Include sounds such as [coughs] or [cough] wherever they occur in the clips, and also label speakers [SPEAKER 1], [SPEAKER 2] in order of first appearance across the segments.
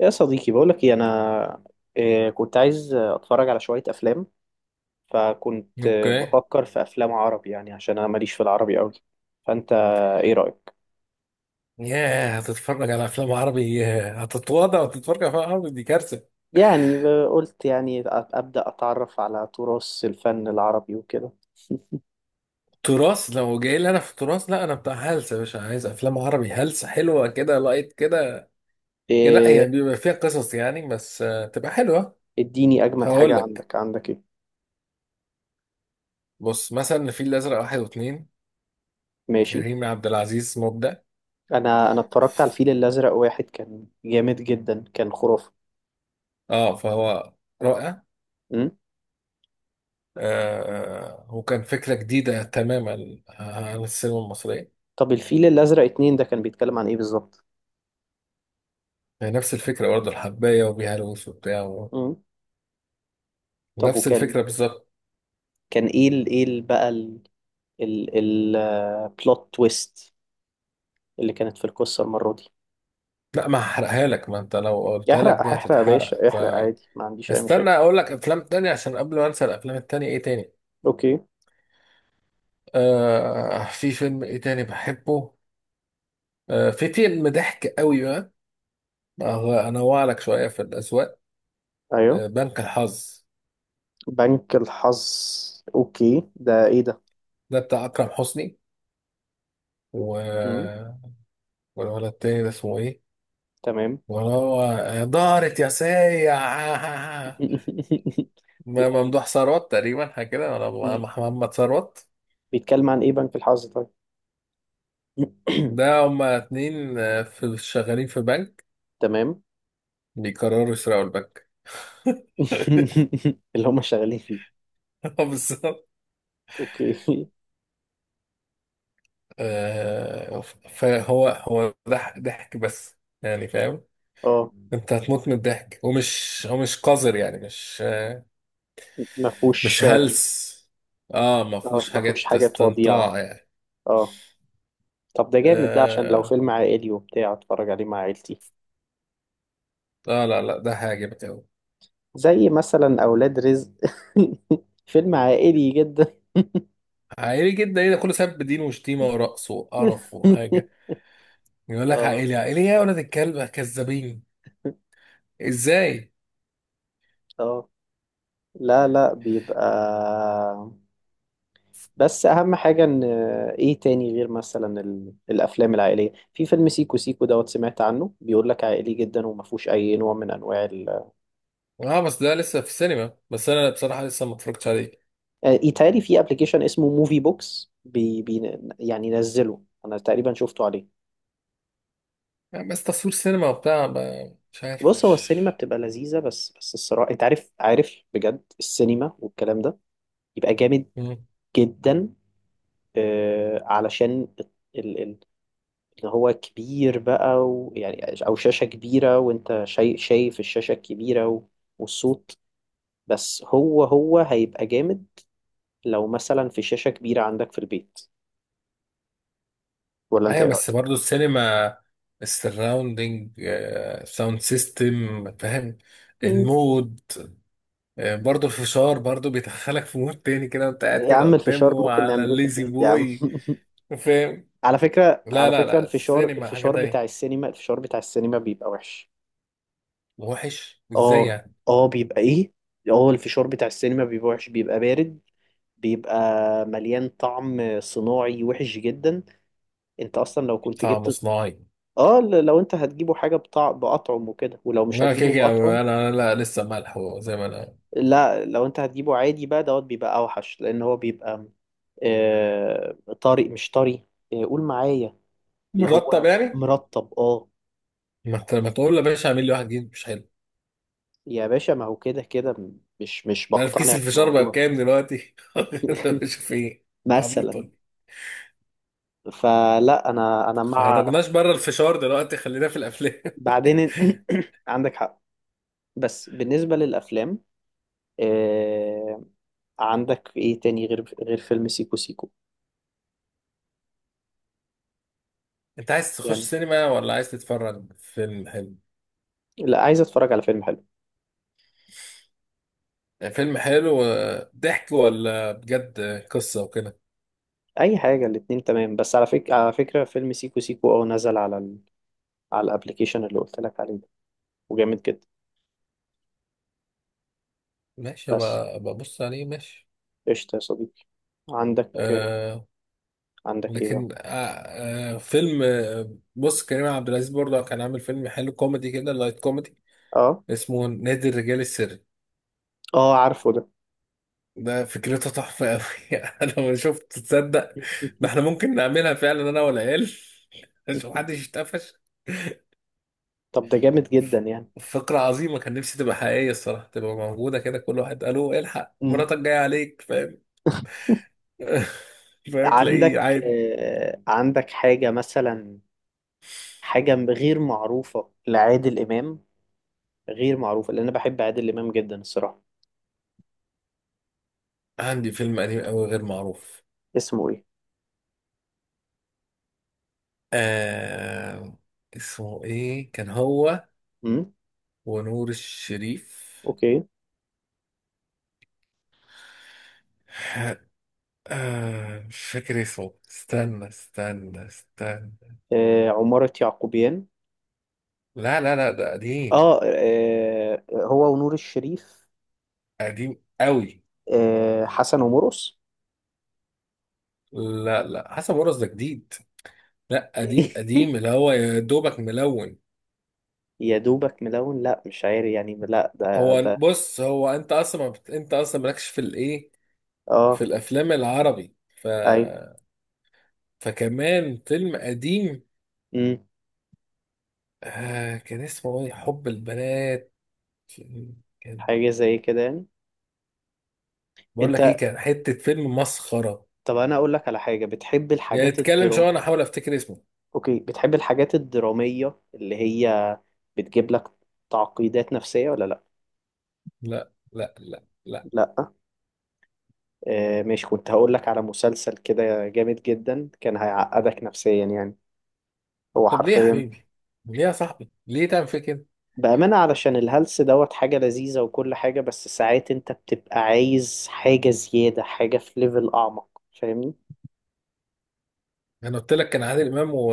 [SPEAKER 1] يا صديقي، بقولك ايه انا؟ إيه، كنت عايز اتفرج على شوية افلام. فكنت
[SPEAKER 2] اوكي.
[SPEAKER 1] بفكر في افلام عربي، يعني عشان انا ماليش في العربي قوي. فانت ايه رأيك؟
[SPEAKER 2] ياه، هتتفرج على افلام عربي؟ ياه، هتتواضع وتتفرج على افلام عربي؟ دي كارثه.
[SPEAKER 1] يعني قلت يعني ابدأ اتعرف على تراث الفن العربي وكده.
[SPEAKER 2] تراث؟ لو جاي لي انا في تراث، لا انا بتاع هلسه، مش عايز افلام عربي. هلسه حلوه كده، لايت كده. لا،
[SPEAKER 1] إيه؟
[SPEAKER 2] هي بيبقى فيها قصص يعني، بس تبقى حلوه.
[SPEAKER 1] اديني اجمد حاجة.
[SPEAKER 2] هقول لك.
[SPEAKER 1] عندك عندك ايه؟
[SPEAKER 2] بص مثلا الفيل الازرق واحد واثنين.
[SPEAKER 1] ماشي.
[SPEAKER 2] كريم عبد العزيز مبدع.
[SPEAKER 1] انا اتفرجت على الفيل الازرق واحد، كان جامد جدا، كان خرافة.
[SPEAKER 2] اه، فهو رائع.
[SPEAKER 1] أمم.
[SPEAKER 2] آه، وكان فكره جديده تماما عن السينما المصريه.
[SPEAKER 1] طب الفيل الازرق اتنين ده كان بيتكلم عن ايه بالظبط؟
[SPEAKER 2] يعني نفس الفكره برضه، الحبايه وبيها الوس وبتاع.
[SPEAKER 1] أمم. طب
[SPEAKER 2] نفس
[SPEAKER 1] وكان،
[SPEAKER 2] الفكرة بالظبط.
[SPEAKER 1] كان ايه ال ايه بقى، البلوت تويست اللي كانت في القصة المرة دي؟
[SPEAKER 2] لا، ما هحرقها لك، ما انت لو قلتها لك
[SPEAKER 1] يحرق،
[SPEAKER 2] دي
[SPEAKER 1] هحرق يا
[SPEAKER 2] هتتحرق.
[SPEAKER 1] باشا، احرق عادي، ما عنديش أي
[SPEAKER 2] فاستنى
[SPEAKER 1] مشاكل.
[SPEAKER 2] اقول لك افلام تانية عشان قبل ما انسى. الافلام التانية ايه تاني؟
[SPEAKER 1] أوكي.
[SPEAKER 2] آه، في فيلم ايه تاني بحبه. آه، في فيلم ضحك قوي بقى. انوع لك شوية في الاذواق.
[SPEAKER 1] أيوه،
[SPEAKER 2] آه، بنك الحظ.
[SPEAKER 1] بنك الحظ. أوكي، ده إيه ده؟
[SPEAKER 2] ده بتاع اكرم حسني،
[SPEAKER 1] مم.
[SPEAKER 2] و والولد التاني ده اسمه ايه؟
[SPEAKER 1] تمام.
[SPEAKER 2] وهو، دارت يا سيع.
[SPEAKER 1] [laughs]
[SPEAKER 2] [laughs]
[SPEAKER 1] لا
[SPEAKER 2] ممدوح ثروت تقريبا، حاجة كده، ولا
[SPEAKER 1] بي-
[SPEAKER 2] محمد ثروت.
[SPEAKER 1] بيتكلم عن إيه بنك الحظ طيب؟
[SPEAKER 2] ده
[SPEAKER 1] [clears throat]
[SPEAKER 2] هما اتنين في، شغالين في بنك،
[SPEAKER 1] تمام.
[SPEAKER 2] بيقرروا يسرقوا البنك. [laughs]
[SPEAKER 1] [laughs] اللي هم شغالين فيه؟
[SPEAKER 2] اه بالظبط.
[SPEAKER 1] أوكي.
[SPEAKER 2] آه، فهو هو ضحك بس، يعني فاهم؟
[SPEAKER 1] [laughs] أه،
[SPEAKER 2] انت هتموت من الضحك، ومش هو مش قذر يعني، مش
[SPEAKER 1] ما
[SPEAKER 2] مش
[SPEAKER 1] فيهوش.
[SPEAKER 2] هلس. اه، ما
[SPEAKER 1] اه
[SPEAKER 2] فيهوش
[SPEAKER 1] ما فيهوش
[SPEAKER 2] حاجات
[SPEAKER 1] حاجات وضيعة.
[SPEAKER 2] استنطاع يعني.
[SPEAKER 1] اه. طب ده جامد ده، عشان لو
[SPEAKER 2] اه،
[SPEAKER 1] فيلم عائلي وبتاع اتفرج عليه مع عيلتي.
[SPEAKER 2] لا لا، ده هيعجبك قوي.
[SPEAKER 1] زي مثلا أولاد رزق، [laughs] فيلم عائلي جدا.
[SPEAKER 2] عائلي جدا؟ ايه ده كله؟ سبب دين وشتيمه ورقص وقرف وحاجه،
[SPEAKER 1] [laughs]
[SPEAKER 2] يقول لك
[SPEAKER 1] اه.
[SPEAKER 2] عائلي. عائلي يا ولد الكلب؟ كذابين. ازاي؟
[SPEAKER 1] اه. لا لا، بيبقى، بس أهم حاجة إن، إيه تاني غير مثلا الأفلام العائلية؟ في فيلم سيكو سيكو دوت، سمعت عنه، بيقول لك عائلي جدا وما فيهوش أي نوع من أنواع
[SPEAKER 2] اه، بس ده لسه في السينما، بس انا بصراحة لسه ما اتفرجتش عليه.
[SPEAKER 1] آه، يتهيألي في أبلكيشن اسمه موفي بوكس يعني نزله أنا تقريبا، شفته عليه.
[SPEAKER 2] يعني بس تصوير سينما وبتاع، ب- مش عارف
[SPEAKER 1] بص، هو
[SPEAKER 2] مش.
[SPEAKER 1] السينما بتبقى لذيذة، بس بس الصراحة أنت عارف، عارف بجد، السينما والكلام ده يبقى جامد
[SPEAKER 2] مم.
[SPEAKER 1] جدا. آه، علشان ال- ان هو كبير بقى، ويعني او شاشة كبيرة وانت شايف الشاشة الكبيرة و، والصوت. بس هو هيبقى جامد لو مثلا في شاشة كبيرة عندك في البيت. ولا انت
[SPEAKER 2] ايوه،
[SPEAKER 1] ايه
[SPEAKER 2] بس
[SPEAKER 1] رأيك؟
[SPEAKER 2] برضو السينما، السراوندينج، ساوند سيستم، فاهم؟
[SPEAKER 1] مم.
[SPEAKER 2] المود. برضو الفشار برضو بيدخلك في مود تاني كده، وانت قاعد
[SPEAKER 1] يا
[SPEAKER 2] كده
[SPEAKER 1] عم الفشار
[SPEAKER 2] قدامه
[SPEAKER 1] ممكن
[SPEAKER 2] على
[SPEAKER 1] نعملوه في
[SPEAKER 2] الليزي
[SPEAKER 1] البيت يا عم.
[SPEAKER 2] بوي،
[SPEAKER 1] [laughs]
[SPEAKER 2] فاهم؟
[SPEAKER 1] على فكرة،
[SPEAKER 2] لا
[SPEAKER 1] على
[SPEAKER 2] لا
[SPEAKER 1] فكرة،
[SPEAKER 2] لا،
[SPEAKER 1] الفشار،
[SPEAKER 2] السينما حاجة
[SPEAKER 1] الفشار بتاع
[SPEAKER 2] تانية.
[SPEAKER 1] السينما، الفشار بتاع السينما بيبقى وحش.
[SPEAKER 2] وحش ازاي
[SPEAKER 1] اه.
[SPEAKER 2] يعني؟
[SPEAKER 1] اه بيبقى ايه. اه الفشار بتاع السينما بيبقى وحش، بيبقى بارد، بيبقى مليان طعم صناعي وحش جدا. انت اصلا لو كنت
[SPEAKER 2] طعم
[SPEAKER 1] جبت،
[SPEAKER 2] صناعي؟
[SPEAKER 1] اه، لو انت هتجيبه حاجه باطعم وكده، ولو مش
[SPEAKER 2] لا،
[SPEAKER 1] هتجيبه
[SPEAKER 2] كيكي
[SPEAKER 1] باطعم.
[SPEAKER 2] انا، لا، لسه ملح زي ما انا.
[SPEAKER 1] لا لو انت هتجيبه عادي بقى دوت بيبقى اوحش، لان هو بيبقى طري، مش طري. قول معايا، اللي
[SPEAKER 2] مرتب
[SPEAKER 1] هو
[SPEAKER 2] يعني؟
[SPEAKER 1] مرطب، اه.
[SPEAKER 2] ما انت ما تقول يا باشا، اعمل لي واحد جديد مش حلو.
[SPEAKER 1] يا باشا، ما هو كده كده، مش
[SPEAKER 2] انا في كيس
[SPEAKER 1] بقتنع
[SPEAKER 2] الفشار بقى
[SPEAKER 1] بالموضوع.
[SPEAKER 2] بكام دلوقتي؟ [laughs] لا،
[SPEAKER 1] [laughs]
[SPEAKER 2] مش فين. عبيط
[SPEAKER 1] مثلا.
[SPEAKER 2] ولا إيه؟
[SPEAKER 1] فلا انا مع،
[SPEAKER 2] خرجناش بره، الفشار دلوقتي، خلينا في الافلام.
[SPEAKER 1] بعدين. [coughs] عندك حق. بس بالنسبه للافلام، آه، عندك ايه تاني غير غير فيلم سيكو سيكو؟
[SPEAKER 2] [laughs] انت عايز تخش
[SPEAKER 1] يعني،
[SPEAKER 2] سينما ولا عايز تتفرج فيلم حلو؟
[SPEAKER 1] لا، عايز اتفرج على فيلم حلو.
[SPEAKER 2] فيلم حلو ضحك، ولا بجد قصة وكده؟
[SPEAKER 1] اي حاجه، الاتنين تمام. بس على فكره، على فكره، فيلم سيكو سيكو اه نزل على على الابليكيشن اللي قلت لك عليه ده، وجامد جدا.
[SPEAKER 2] ماشي
[SPEAKER 1] بس
[SPEAKER 2] بقى، ببص عليه، ماشي.
[SPEAKER 1] قشطه يا صديقي. عندك،
[SPEAKER 2] أه.
[SPEAKER 1] عندك ايه بقى؟
[SPEAKER 2] لكن آه فيلم، آه، بص، كريم عبد العزيز برضه كان عامل فيلم حلو، كوميدي كده، لايت كوميدي،
[SPEAKER 1] اه.
[SPEAKER 2] اسمه نادي الرجال السري.
[SPEAKER 1] اه عارفه ده.
[SPEAKER 2] ده فكرتها تحفة أوي. [laughs] أنا ما شفت، تصدق؟ ده
[SPEAKER 1] [laughs]
[SPEAKER 2] إحنا ممكن نعملها فعلا، أنا والعيال. [laughs] عشان محدش يتقفش.
[SPEAKER 1] طب ده جامد جدا يعني.
[SPEAKER 2] فكرة عظيمة، كان نفسي تبقى حقيقية الصراحة، تبقى موجودة كده، كل واحد قالوا الحق
[SPEAKER 1] مم.
[SPEAKER 2] مراتك جاية عليك، فاهم؟ [laughs] فاهم، تلاقيه
[SPEAKER 1] عندك
[SPEAKER 2] عادي.
[SPEAKER 1] عندك حاجة مثلا، حاجة غير معروفة لعادل إمام؟ غير معروفة لأن أنا بحب عادل إمام جدا الصراحة.
[SPEAKER 2] عندي فيلم قديم أوي غير معروف.
[SPEAKER 1] اسمه ايه؟
[SPEAKER 2] آه... اسمه إيه، كان هو
[SPEAKER 1] امم.
[SPEAKER 2] ونور الشريف.
[SPEAKER 1] اوكي.
[SPEAKER 2] آه... مش فاكر اسمه، استنى.
[SPEAKER 1] آه، عمارة يعقوبيان؟
[SPEAKER 2] لا لا لا، ده قديم.
[SPEAKER 1] اه، آه، هو ونور الشريف.
[SPEAKER 2] قديم قوي.
[SPEAKER 1] آه حسن ومرقص؟
[SPEAKER 2] لا لا، حسن مرقص ده جديد. لا، قديم، قديم،
[SPEAKER 1] [laughs]
[SPEAKER 2] اللي هو يا دوبك ملون.
[SPEAKER 1] يا دوبك ملون؟ لا مش عارف يعني. لا ده
[SPEAKER 2] هو
[SPEAKER 1] ده.
[SPEAKER 2] بص، هو انت اصلا ما بت- انت اصلا مالكش في الايه، في
[SPEAKER 1] اه.
[SPEAKER 2] الافلام العربي، ف
[SPEAKER 1] ايوه.
[SPEAKER 2] فكمان فيلم قديم.
[SPEAKER 1] امم.
[SPEAKER 2] آه، كان اسمه ايه، حب البنات. كان،
[SPEAKER 1] حاجة زي كده يعني؟
[SPEAKER 2] بقول لك ايه،
[SPEAKER 1] انت،
[SPEAKER 2] كان حتة فيلم مسخرة
[SPEAKER 1] طب انا اقول لك على حاجة. بتحب
[SPEAKER 2] يعني.
[SPEAKER 1] الحاجات
[SPEAKER 2] اتكلم
[SPEAKER 1] الدرام؟
[SPEAKER 2] شوية انا احاول افتكر اسمه.
[SPEAKER 1] اوكي، بتحب الحاجات الدرامية اللي هي بتجيب لك تعقيدات نفسية ولا لا؟
[SPEAKER 2] لا لا لا لا.
[SPEAKER 1] لا. آه ماشي، كنت هقول لك على مسلسل كده جامد جدا، كان هيعقدك نفسيا يعني، هو
[SPEAKER 2] طب ليه يا
[SPEAKER 1] حرفيا،
[SPEAKER 2] حبيبي؟ ليه يا صاحبي؟ ليه تعمل فيك كده؟
[SPEAKER 1] بأمانة، علشان الهلس دوت حاجة لذيذة وكل حاجة، بس ساعات انت بتبقى عايز حاجة زيادة، حاجة في ليفل أعمق، فاهمني.
[SPEAKER 2] انا قلت لك كان عادل امام و...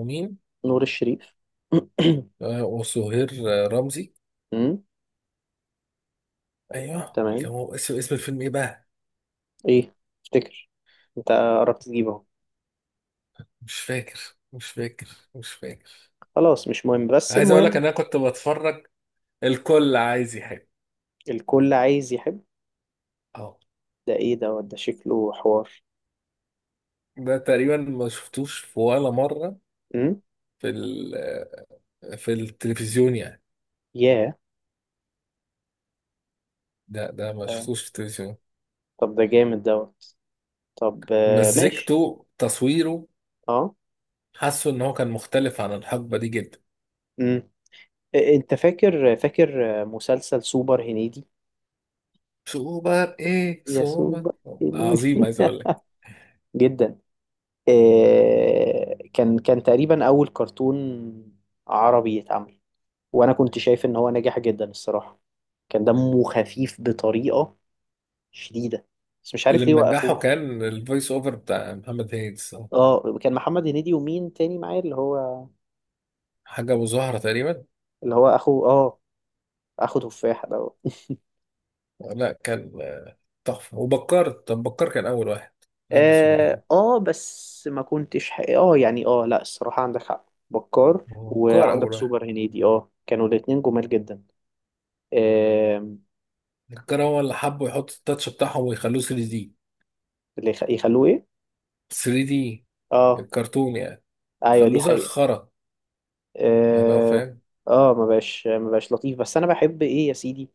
[SPEAKER 2] ومين؟
[SPEAKER 1] نور الشريف. [clears throat]
[SPEAKER 2] وسهير رمزي.
[SPEAKER 1] أمم،
[SPEAKER 2] ايوه، كان
[SPEAKER 1] تمام.
[SPEAKER 2] هو. اسم اسم الفيلم ايه بقى؟
[SPEAKER 1] ايه، افتكر، انت قربت تجيبه اهو.
[SPEAKER 2] مش فاكر مش فاكر مش فاكر.
[SPEAKER 1] خلاص مش مهم، بس
[SPEAKER 2] عايز اقول لك
[SPEAKER 1] المهم.
[SPEAKER 2] ان انا كنت بتفرج. الكل عايز يحب.
[SPEAKER 1] الكل عايز يحب.
[SPEAKER 2] اه،
[SPEAKER 1] ده ايه دوت؟ ده شكله حوار.
[SPEAKER 2] ده تقريبا ما شفتوش في ولا مره،
[SPEAKER 1] امم.
[SPEAKER 2] في في التلفزيون يعني.
[SPEAKER 1] ياه.
[SPEAKER 2] ده ما
[SPEAKER 1] آه،
[SPEAKER 2] شفتوش في التلفزيون.
[SPEAKER 1] طب ده جامد دوت. طب آه، ماشي.
[SPEAKER 2] مزجته، تصويره،
[SPEAKER 1] اه.
[SPEAKER 2] حاسه ان هو كان مختلف عن الحقبه دي جدا.
[SPEAKER 1] امم. إيه، انت فاكر، فاكر مسلسل سوبر هنيدي؟
[SPEAKER 2] سوبر ايه،
[SPEAKER 1] يسوع
[SPEAKER 2] سوبر؟
[SPEAKER 1] بقى يعني.
[SPEAKER 2] عظيم، عايز اقول لك.
[SPEAKER 1] [laughs] جدا. آه، كان تقريبا اول كرتون عربي يتعمل، وانا كنت شايف ان هو ناجح جدا الصراحه، كان دمه خفيف بطريقه شديده، بس مش
[SPEAKER 2] اللي
[SPEAKER 1] عارف ليه
[SPEAKER 2] منجحه
[SPEAKER 1] وقفوه.
[SPEAKER 2] كان الفويس اوفر بتاع محمد هيدس.
[SPEAKER 1] اه كان محمد هنيدي ومين تاني معايا؟ اللي هو،
[SPEAKER 2] حاجة أبو زهرة تقريبا.
[SPEAKER 1] اللي هو اخو، اه، اخو تفاح ده.
[SPEAKER 2] لا، كان تحفة، وبكار. طب بكار كان أول واحد، قبل سوبر هيرو.
[SPEAKER 1] اه اه، بس ما كنتش اه يعني، اه لا، الصراحه عندك حق، بكار
[SPEAKER 2] هو بكار
[SPEAKER 1] وعندك
[SPEAKER 2] أول واحد.
[SPEAKER 1] سوبر هنيدي، اه، كانوا الاتنين جمال جدا.
[SPEAKER 2] بكار هو اللي حبوا يحطوا التاتش بتاعهم ويخلوه 3 دي.
[SPEAKER 1] اللي يخلوه ايه؟
[SPEAKER 2] 3 دي
[SPEAKER 1] اه.
[SPEAKER 2] الكرتون يعني،
[SPEAKER 1] ايوه
[SPEAKER 2] خلوه
[SPEAKER 1] دي
[SPEAKER 2] زي
[SPEAKER 1] حقيقة.
[SPEAKER 2] الخرا يعني، هو
[SPEAKER 1] اه.
[SPEAKER 2] فاهم.
[SPEAKER 1] اه ما بقاش، ما بقاش لطيف، بس انا بحب ايه يا سيدي،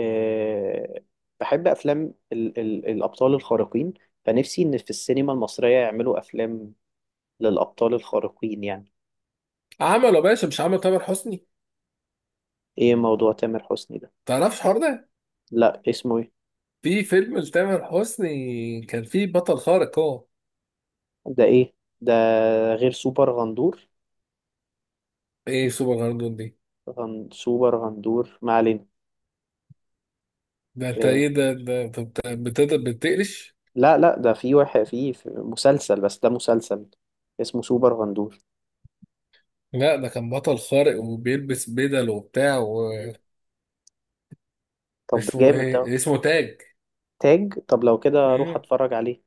[SPEAKER 1] آه، بحب افلام ال الابطال الخارقين. فنفسي ان في السينما المصرية يعملوا افلام للابطال الخارقين يعني.
[SPEAKER 2] عمله يا باشا، مش عمل تامر حسني؟
[SPEAKER 1] ايه موضوع تامر حسني ده؟
[SPEAKER 2] تعرفش الحوار ده؟
[SPEAKER 1] لا اسمه ايه؟
[SPEAKER 2] في فيلم لتامر حسني كان فيه بطل خارق هو.
[SPEAKER 1] ده ايه ده غير سوبر غندور؟
[SPEAKER 2] ايه سوبر هيرو دي؟
[SPEAKER 1] غن سوبر غندور ما علينا.
[SPEAKER 2] ده انت
[SPEAKER 1] آه
[SPEAKER 2] ايه ده؟ ده انت بت- بتقدر بتقلش.
[SPEAKER 1] لا لا، ده في واحد في في مسلسل، بس ده مسلسل اسمه سوبر غندور.
[SPEAKER 2] لا، ده كان بطل خارق، وبيلبس بدل وبتاع،
[SPEAKER 1] طب ده
[SPEAKER 2] اسمه
[SPEAKER 1] جامد ده.
[SPEAKER 2] ايه، اسمه تاج.
[SPEAKER 1] تاج؟ طب لو كده اروح
[SPEAKER 2] امم.
[SPEAKER 1] اتفرج عليه.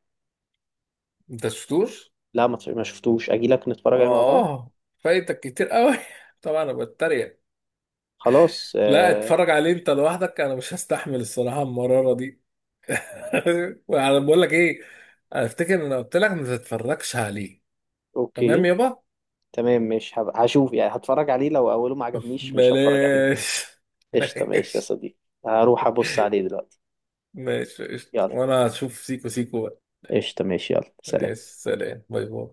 [SPEAKER 2] انت شفتوش؟
[SPEAKER 1] لا ما شفتوش، اجي لك نتفرج عليه مع بعض.
[SPEAKER 2] اه، فايتك كتير قوي. [laughs] طبعا انا بتريق.
[SPEAKER 1] خلاص
[SPEAKER 2] لا،
[SPEAKER 1] آه.
[SPEAKER 2] اتفرج عليه انت لوحدك، انا مش هستحمل الصراحه المراره دي. [laughs] انا بقول لك ايه، انا افتكر ان انا قلت لك ما تتفرجش عليه. تمام
[SPEAKER 1] اوكي.
[SPEAKER 2] يابا.
[SPEAKER 1] تمام، مش هشوف يعني، هتفرج عليه، لو اوله ما عجبنيش مش هتفرج عليه.
[SPEAKER 2] بلاش. [laughs]
[SPEAKER 1] قشطة، ماشي يا
[SPEAKER 2] ماشي.
[SPEAKER 1] صديقي، هروح ابص عليه دلوقتي.
[SPEAKER 2] ماشي، قشطة.
[SPEAKER 1] يلا،
[SPEAKER 2] وانا هشوف سيكو سيكو بقى.
[SPEAKER 1] قشطة، ماشي، يلا
[SPEAKER 2] ماشي،
[SPEAKER 1] سلام.
[SPEAKER 2] سلام، باي باي.